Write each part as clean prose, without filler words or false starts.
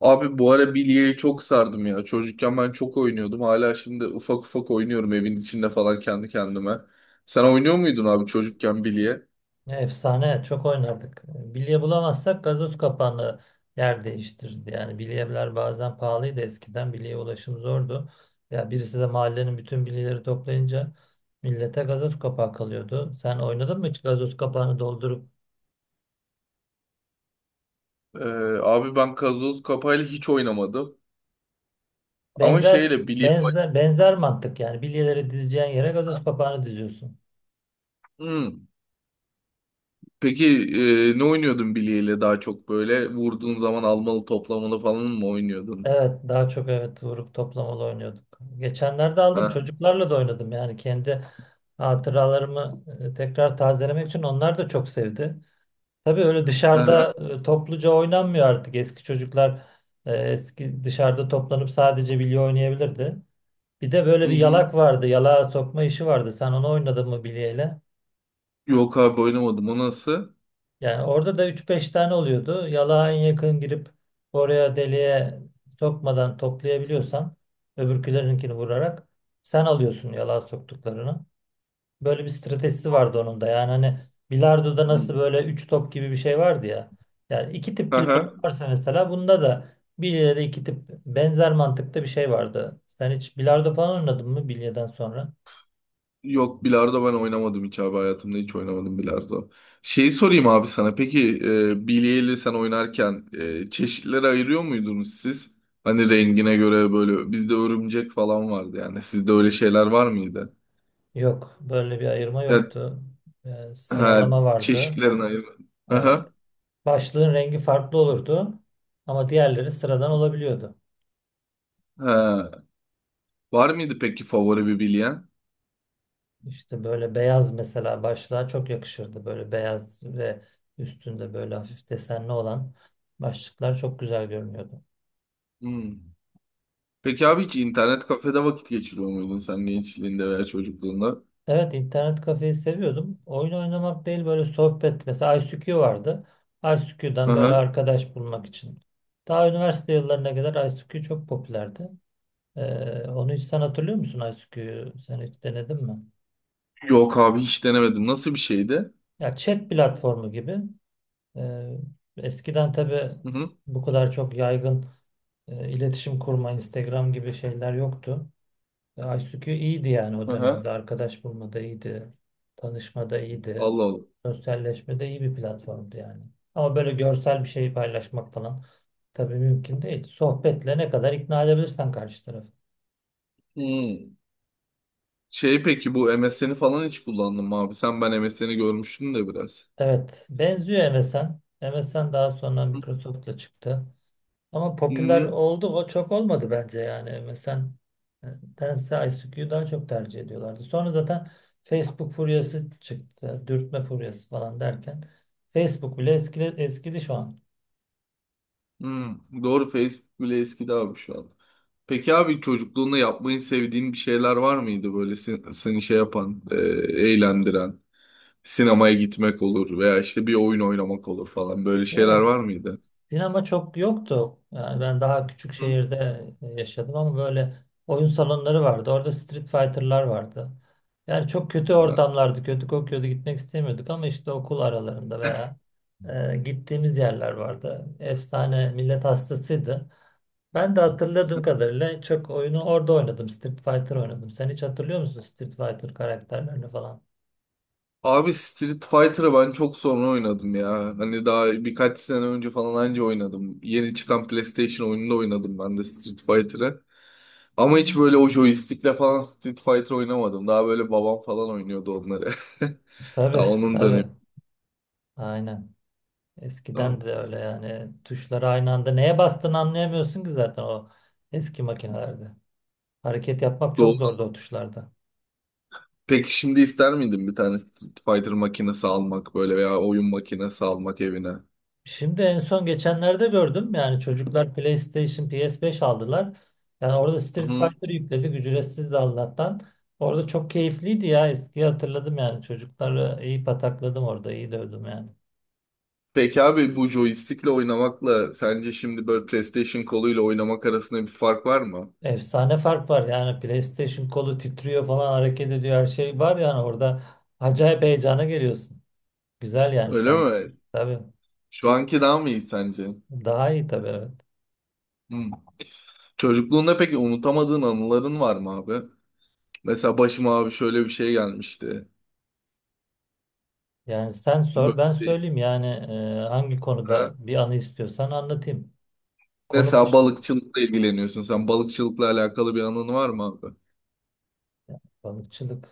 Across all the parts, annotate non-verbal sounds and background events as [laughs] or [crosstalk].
Abi bu ara bilyeyi çok sardım ya. Çocukken ben çok oynuyordum. Hala şimdi ufak ufak oynuyorum evin içinde falan kendi kendime. Sen oynuyor muydun abi çocukken bilye? Ne efsane. Çok oynardık. Bilye bulamazsak gazoz kapağını yer değiştirirdi. Yani bilyeler bazen pahalıydı eskiden. Bilyeye ulaşım zordu. Ya birisi de mahallenin bütün bilyeleri toplayınca millete gazoz kapağı kalıyordu. Sen oynadın mı hiç gazoz kapağını doldurup? Ee, abi ben gazoz kapağıyla hiç oynamadım. Ama Benzer şeyle bilye... benzer mantık yani bilyeleri dizeceğin yere gazoz kapağını diziyorsun. Hmm. Peki ne oynuyordun bilyeyle daha çok böyle? Vurduğun zaman almalı toplamalı falan mı oynuyordun? Evet daha çok evet vurup toplamalı oynuyorduk. Geçenlerde aldım Ha. çocuklarla da oynadım yani kendi hatıralarımı tekrar tazelemek için onlar da çok sevdi. Tabii öyle Hı hı. dışarıda topluca oynanmıyor artık eski çocuklar eski dışarıda toplanıp sadece bilye oynayabilirdi. Bir de Hı böyle bir hı. yalak vardı, yalağa sokma işi vardı, sen onu oynadın mı bilyeyle? Yok abi oynamadım. O nasıl? Yani orada da üç beş tane oluyordu. Yalağa en yakın girip oraya deliğe sokmadan toplayabiliyorsan öbürkülerinkini vurarak sen alıyorsun yalağa soktuklarını. Böyle bir stratejisi vardı onun da. Yani hani bilardoda nasıl Hı. böyle 3 top gibi bir şey vardı ya. Yani iki Hı tip bilardo hı. varsa mesela, bunda da bilyede iki tip benzer mantıkta bir şey vardı. Sen hiç bilardo falan oynadın mı bilyeden sonra? Yok bilardo ben oynamadım hiç abi hayatımda hiç oynamadım bilardo. Şeyi sorayım abi sana peki bilye sen oynarken çeşitlere ayırıyor muydunuz siz? Hani rengine göre böyle bizde örümcek falan vardı yani sizde öyle şeyler var mıydı? Yok. Böyle bir ayırma Evet, yoktu. Ha, Sıralama vardı. çeşitlerini ayır. Evet. Aha, Başlığın rengi farklı olurdu ama diğerleri sıradan olabiliyordu. ha. Var mıydı peki favori bir bilyen? İşte böyle beyaz mesela başlığa çok yakışırdı. Böyle beyaz ve üstünde böyle hafif desenli olan başlıklar çok güzel görünüyordu. Hmm. Peki abi hiç internet kafede vakit geçiriyor muydun sen gençliğinde veya çocukluğunda? Evet, internet kafeyi seviyordum. Oyun oynamak değil böyle sohbet. Mesela ICQ vardı. ICQ'dan böyle Aha. arkadaş bulmak için. Daha üniversite yıllarına kadar ICQ çok popülerdi. Onu hiç sen hatırlıyor musun, ICQ'yu? Sen hiç denedin mi? Yok abi hiç denemedim. Nasıl bir şeydi? Ya chat platformu gibi. Ee, Eskiden tabii Hı hı. bu kadar çok yaygın iletişim kurma, Instagram gibi şeyler yoktu. ICQ iyiydi yani o Aha. dönemde. Arkadaş bulmada iyiydi. Tanışmada iyiydi. Allah Allah. Sosyalleşmede iyi bir platformdu yani. Ama böyle görsel bir şey paylaşmak falan tabii mümkün değil. Sohbetle ne kadar ikna edebilirsen karşı tarafı. Hmm. Şey peki bu MSN'i falan hiç kullandın mı abi? Sen ben MSN'i görmüştün de biraz. Evet, benziyor MSN. MSN daha sonra Microsoft'la çıktı. Ama popüler Hmm. oldu, o çok olmadı bence yani. Mesela e, Tense ICQ'yu daha çok tercih ediyorlardı. Sonra zaten Facebook furyası çıktı. Dürtme furyası falan derken Facebook bile eskidi şu an. Hmm. Doğru Facebook bile eskidi abi şu an. Peki abi çocukluğunda yapmayı sevdiğin bir şeyler var mıydı böyle sen- seni şey yapan, eğlendiren? Sinemaya gitmek olur veya işte bir oyun oynamak olur falan. Böyle şeyler Evet. var mıydı? Sinema çok yoktu. Yani ben daha küçük Hı. şehirde yaşadım ama böyle oyun salonları vardı. Orada Street Fighter'lar vardı. Yani çok kötü Ha. ortamlardı. Kötü kokuyordu. Gitmek istemiyorduk ama işte okul aralarında veya gittiğimiz yerler vardı. Efsane millet hastasıydı. Ben de hatırladığım kadarıyla çok oyunu orada oynadım. Street Fighter oynadım. Sen hiç hatırlıyor musun Street Fighter karakterlerini falan? Abi Street Fighter'ı ben çok sonra oynadım ya. Hani daha birkaç sene önce falan anca oynadım. Yeni çıkan PlayStation oyununda oynadım ben de Street Fighter'ı. Ama hiç böyle o joystick'le falan Street Fighter oynamadım. Daha böyle babam falan oynuyordu onları. [laughs] Tabii Daha onun dönemi. tabii. Aynen. Ha, Eskiden de öyle yani, tuşları aynı anda neye bastığını anlayamıyorsun ki zaten o eski makinelerde. Hareket yapmak çok doğru. zordu o tuşlarda. Peki şimdi ister miydin bir tane Street Fighter makinesi almak böyle veya oyun makinesi almak evine? Şimdi en son geçenlerde gördüm, yani çocuklar PlayStation PS5 aldılar. Yani orada Street Hı. Fighter yükledik, ücretsiz de Allah'tan. Orada çok keyifliydi ya, eskiyi hatırladım yani, çocukları iyi patakladım orada, iyi dövdüm yani. Peki abi bu joystick'le oynamakla sence şimdi böyle PlayStation koluyla oynamak arasında bir fark var mı? Efsane fark var yani, PlayStation kolu titriyor falan, hareket ediyor, her şey var yani orada, acayip heyecana geliyorsun. Güzel yani şu Öyle an. mi? Tabii. Şu anki daha mı iyi sence? Daha iyi tabii, evet. Hı. Çocukluğunda peki unutamadığın anıların var mı abi? Mesela başıma abi şöyle bir şey gelmişti. Yani sen sor Böyle ben değil. söyleyeyim yani, hangi Ha? konuda bir anı istiyorsan anlatayım. Konu Mesela başlığı balıkçılıkla ilgileniyorsun. Sen balıkçılıkla alakalı bir anın var mı abi? balıkçılık.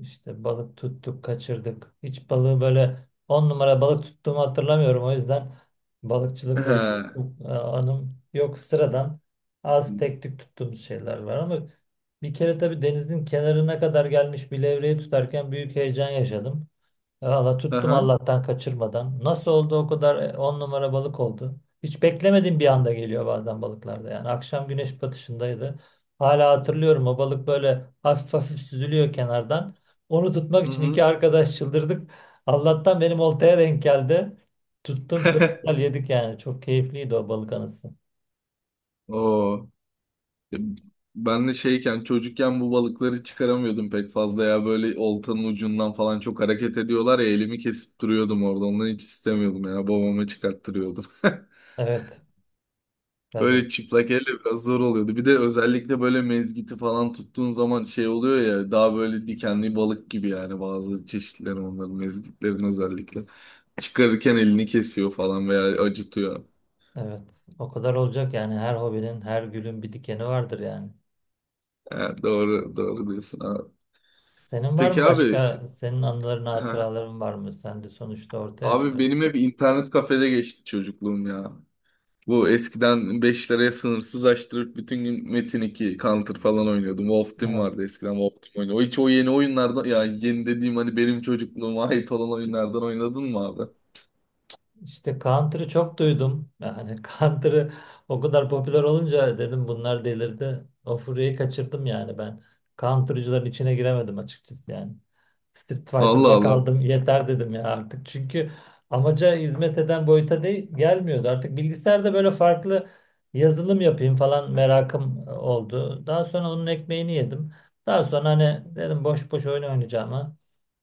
İşte balık tuttuk, kaçırdık. Hiç balığı böyle on numara balık tuttuğumu hatırlamıyorum. O yüzden balıkçılıkla ilgili He. çok anım yok. Sıradan az tek tük tuttuğumuz şeyler var ama bir kere tabii denizin kenarına kadar gelmiş bir levreyi tutarken büyük heyecan yaşadım. Valla tuttum Aha. Allah'tan, kaçırmadan. Nasıl oldu o kadar, on numara balık oldu. Hiç beklemediğim bir anda geliyor bazen balıklarda yani. Akşam güneş batışındaydı. Hala hatırlıyorum, o balık böyle hafif hafif süzülüyor kenardan. Onu tutmak Hı için hı. iki arkadaş çıldırdık. Allah'tan benim oltaya denk geldi. Tuttum, çok güzel [laughs] yedik yani. Çok keyifliydi o balık anısı. Oo. E, Ben de şeyken çocukken bu balıkları çıkaramıyordum pek fazla ya böyle oltanın ucundan falan çok hareket ediyorlar ya elimi kesip duruyordum orada ondan hiç istemiyordum ya babama çıkarttırıyordum. [laughs] Evet tabii, Böyle çıplak elle biraz zor oluyordu. Bir de özellikle böyle mezgiti falan tuttuğun zaman şey oluyor ya daha böyle dikenli balık gibi yani bazı çeşitleri onların mezgitlerin özellikle. Çıkarırken elini kesiyor falan veya acıtıyor. evet. O kadar olacak yani, her hobinin, her gülün bir dikeni vardır yani. Ha, doğru doğru diyorsun abi. Senin var mı Peki abi başka, senin anıların, ha, hatıraların var mı? Sen de sonuçta orta abi benim yaşlardasın. hep internet kafede geçti çocukluğum ya. Bu eskiden 5 liraya sınırsız açtırıp bütün gün Metin 2, Counter falan oynuyordum. Wolf Team Evet. vardı eskiden Wolf Team oynuyor. O hiç o yeni oyunlardan ya yeni dediğim hani benim çocukluğuma ait olan oyunlardan oynadın mı abi? İşte Counter'ı çok duydum. Yani [laughs] Counter'ı o kadar popüler olunca dedim bunlar delirdi. O furyayı kaçırdım yani ben. Counter'cıların içine giremedim açıkçası yani. Street Allah Fighter'da Allah. kaldım, yeter dedim ya artık. Çünkü amaca hizmet eden boyuta değil, gelmiyordu. Artık bilgisayarda böyle farklı yazılım yapayım falan merakım oldu. Daha sonra onun ekmeğini yedim. Daha sonra hani dedim boş boş oyun oynayacağım.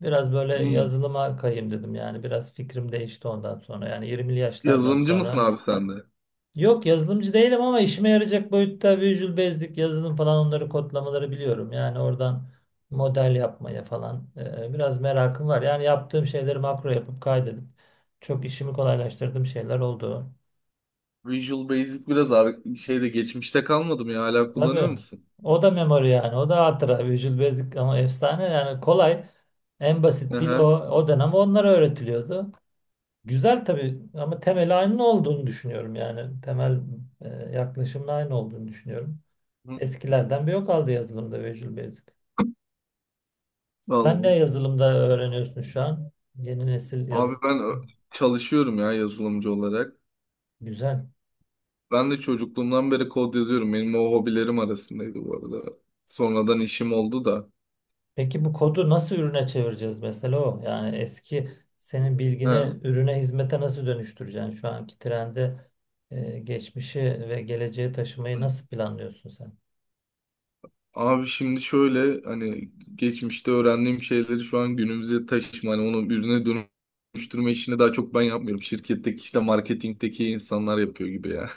Biraz böyle Hmm. yazılıma kayayım dedim yani, biraz fikrim değişti ondan sonra yani, 20'li yaşlardan Yazılımcı mısın sonra. abi sen de? Yok, yazılımcı değilim ama işime yarayacak boyutta Visual Basic yazılım falan, onları, kodlamaları biliyorum. Yani oradan model yapmaya falan biraz merakım var. Yani yaptığım şeyleri makro yapıp kaydedip çok işimi kolaylaştırdığım şeyler oldu. Visual Basic biraz abi şeyde geçmişte kalmadım ya hala Tabii kullanıyor musun? o da memory, yani o da hatıra Visual Basic, ama efsane yani, kolay, en basit dil o, Aha. o dönem onlara öğretiliyordu. Güzel tabii ama temel aynı olduğunu düşünüyorum yani. Temel e, yaklaşımın aynı olduğunu düşünüyorum. Hı. Eskilerden bir yok aldı yazılımda Visual Basic. Sen ne Vallahi. yazılımda öğreniyorsun şu an? Yeni nesil Abi yazılım. ben çalışıyorum ya yazılımcı olarak. Güzel. Ben de çocukluğumdan beri kod yazıyorum. Benim o hobilerim arasındaydı bu arada. Sonradan işim oldu da. Peki bu kodu nasıl ürüne çevireceğiz mesela o? Yani eski, senin He. bilgini ürüne, hizmete nasıl dönüştüreceksin? Şu anki trende geçmişi ve geleceği taşımayı nasıl planlıyorsun sen? Abi şimdi şöyle hani geçmişte öğrendiğim şeyleri şu an günümüze taşıma hani onu ürüne dönüştürme işini daha çok ben yapmıyorum. Şirketteki işte marketingteki insanlar yapıyor gibi ya.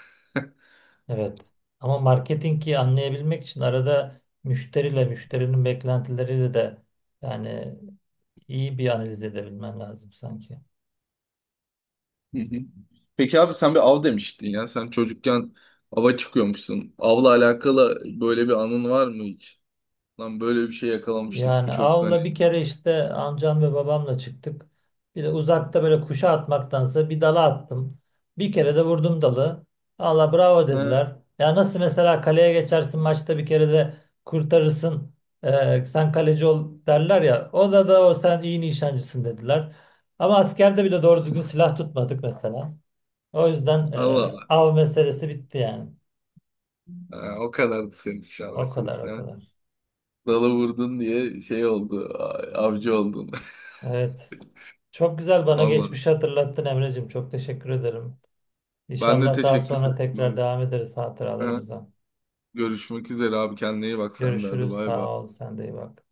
Evet. Ama marketingi anlayabilmek için arada müşteriyle, müşterinin beklentileriyle de, yani, iyi bir analiz edebilmen lazım sanki. [laughs] Hı hı. Peki abi sen bir av demiştin ya. Sen çocukken ava çıkıyormuşsun. Avla alakalı böyle bir anın var mı hiç? Lan böyle bir şey yakalamıştık. Yani Bu çok hani. avla bir kere işte amcam ve babamla çıktık. Bir de uzakta böyle kuşa atmaktansa bir dala attım. Bir kere de vurdum dalı. Allah, bravo Ha, dediler. Ya nasıl mesela kaleye geçersin maçta bir kere de kurtarırsın. Sen kaleci ol derler ya. O da sen iyi nişancısın dediler. Ama askerde bile doğru düzgün silah tutmadık mesela. O yüzden Allah Allah. av meselesi bitti yani. Ha, o kadardı senin için O ama kadar, o sen kadar. dalı vurdun diye şey oldu. Avcı oldun. Evet. Çok güzel, [laughs] bana Allah. geçmişi hatırlattın Emre'cim. Çok teşekkür ederim. Ben de İnşallah daha teşekkür sonra ederim tekrar abi. devam ederiz Ha, hatıralarımıza. görüşmek üzere abi. Kendine iyi bak sen de. Hadi Görüşürüz. bay Sağ bay. ol. Sen de iyi bak.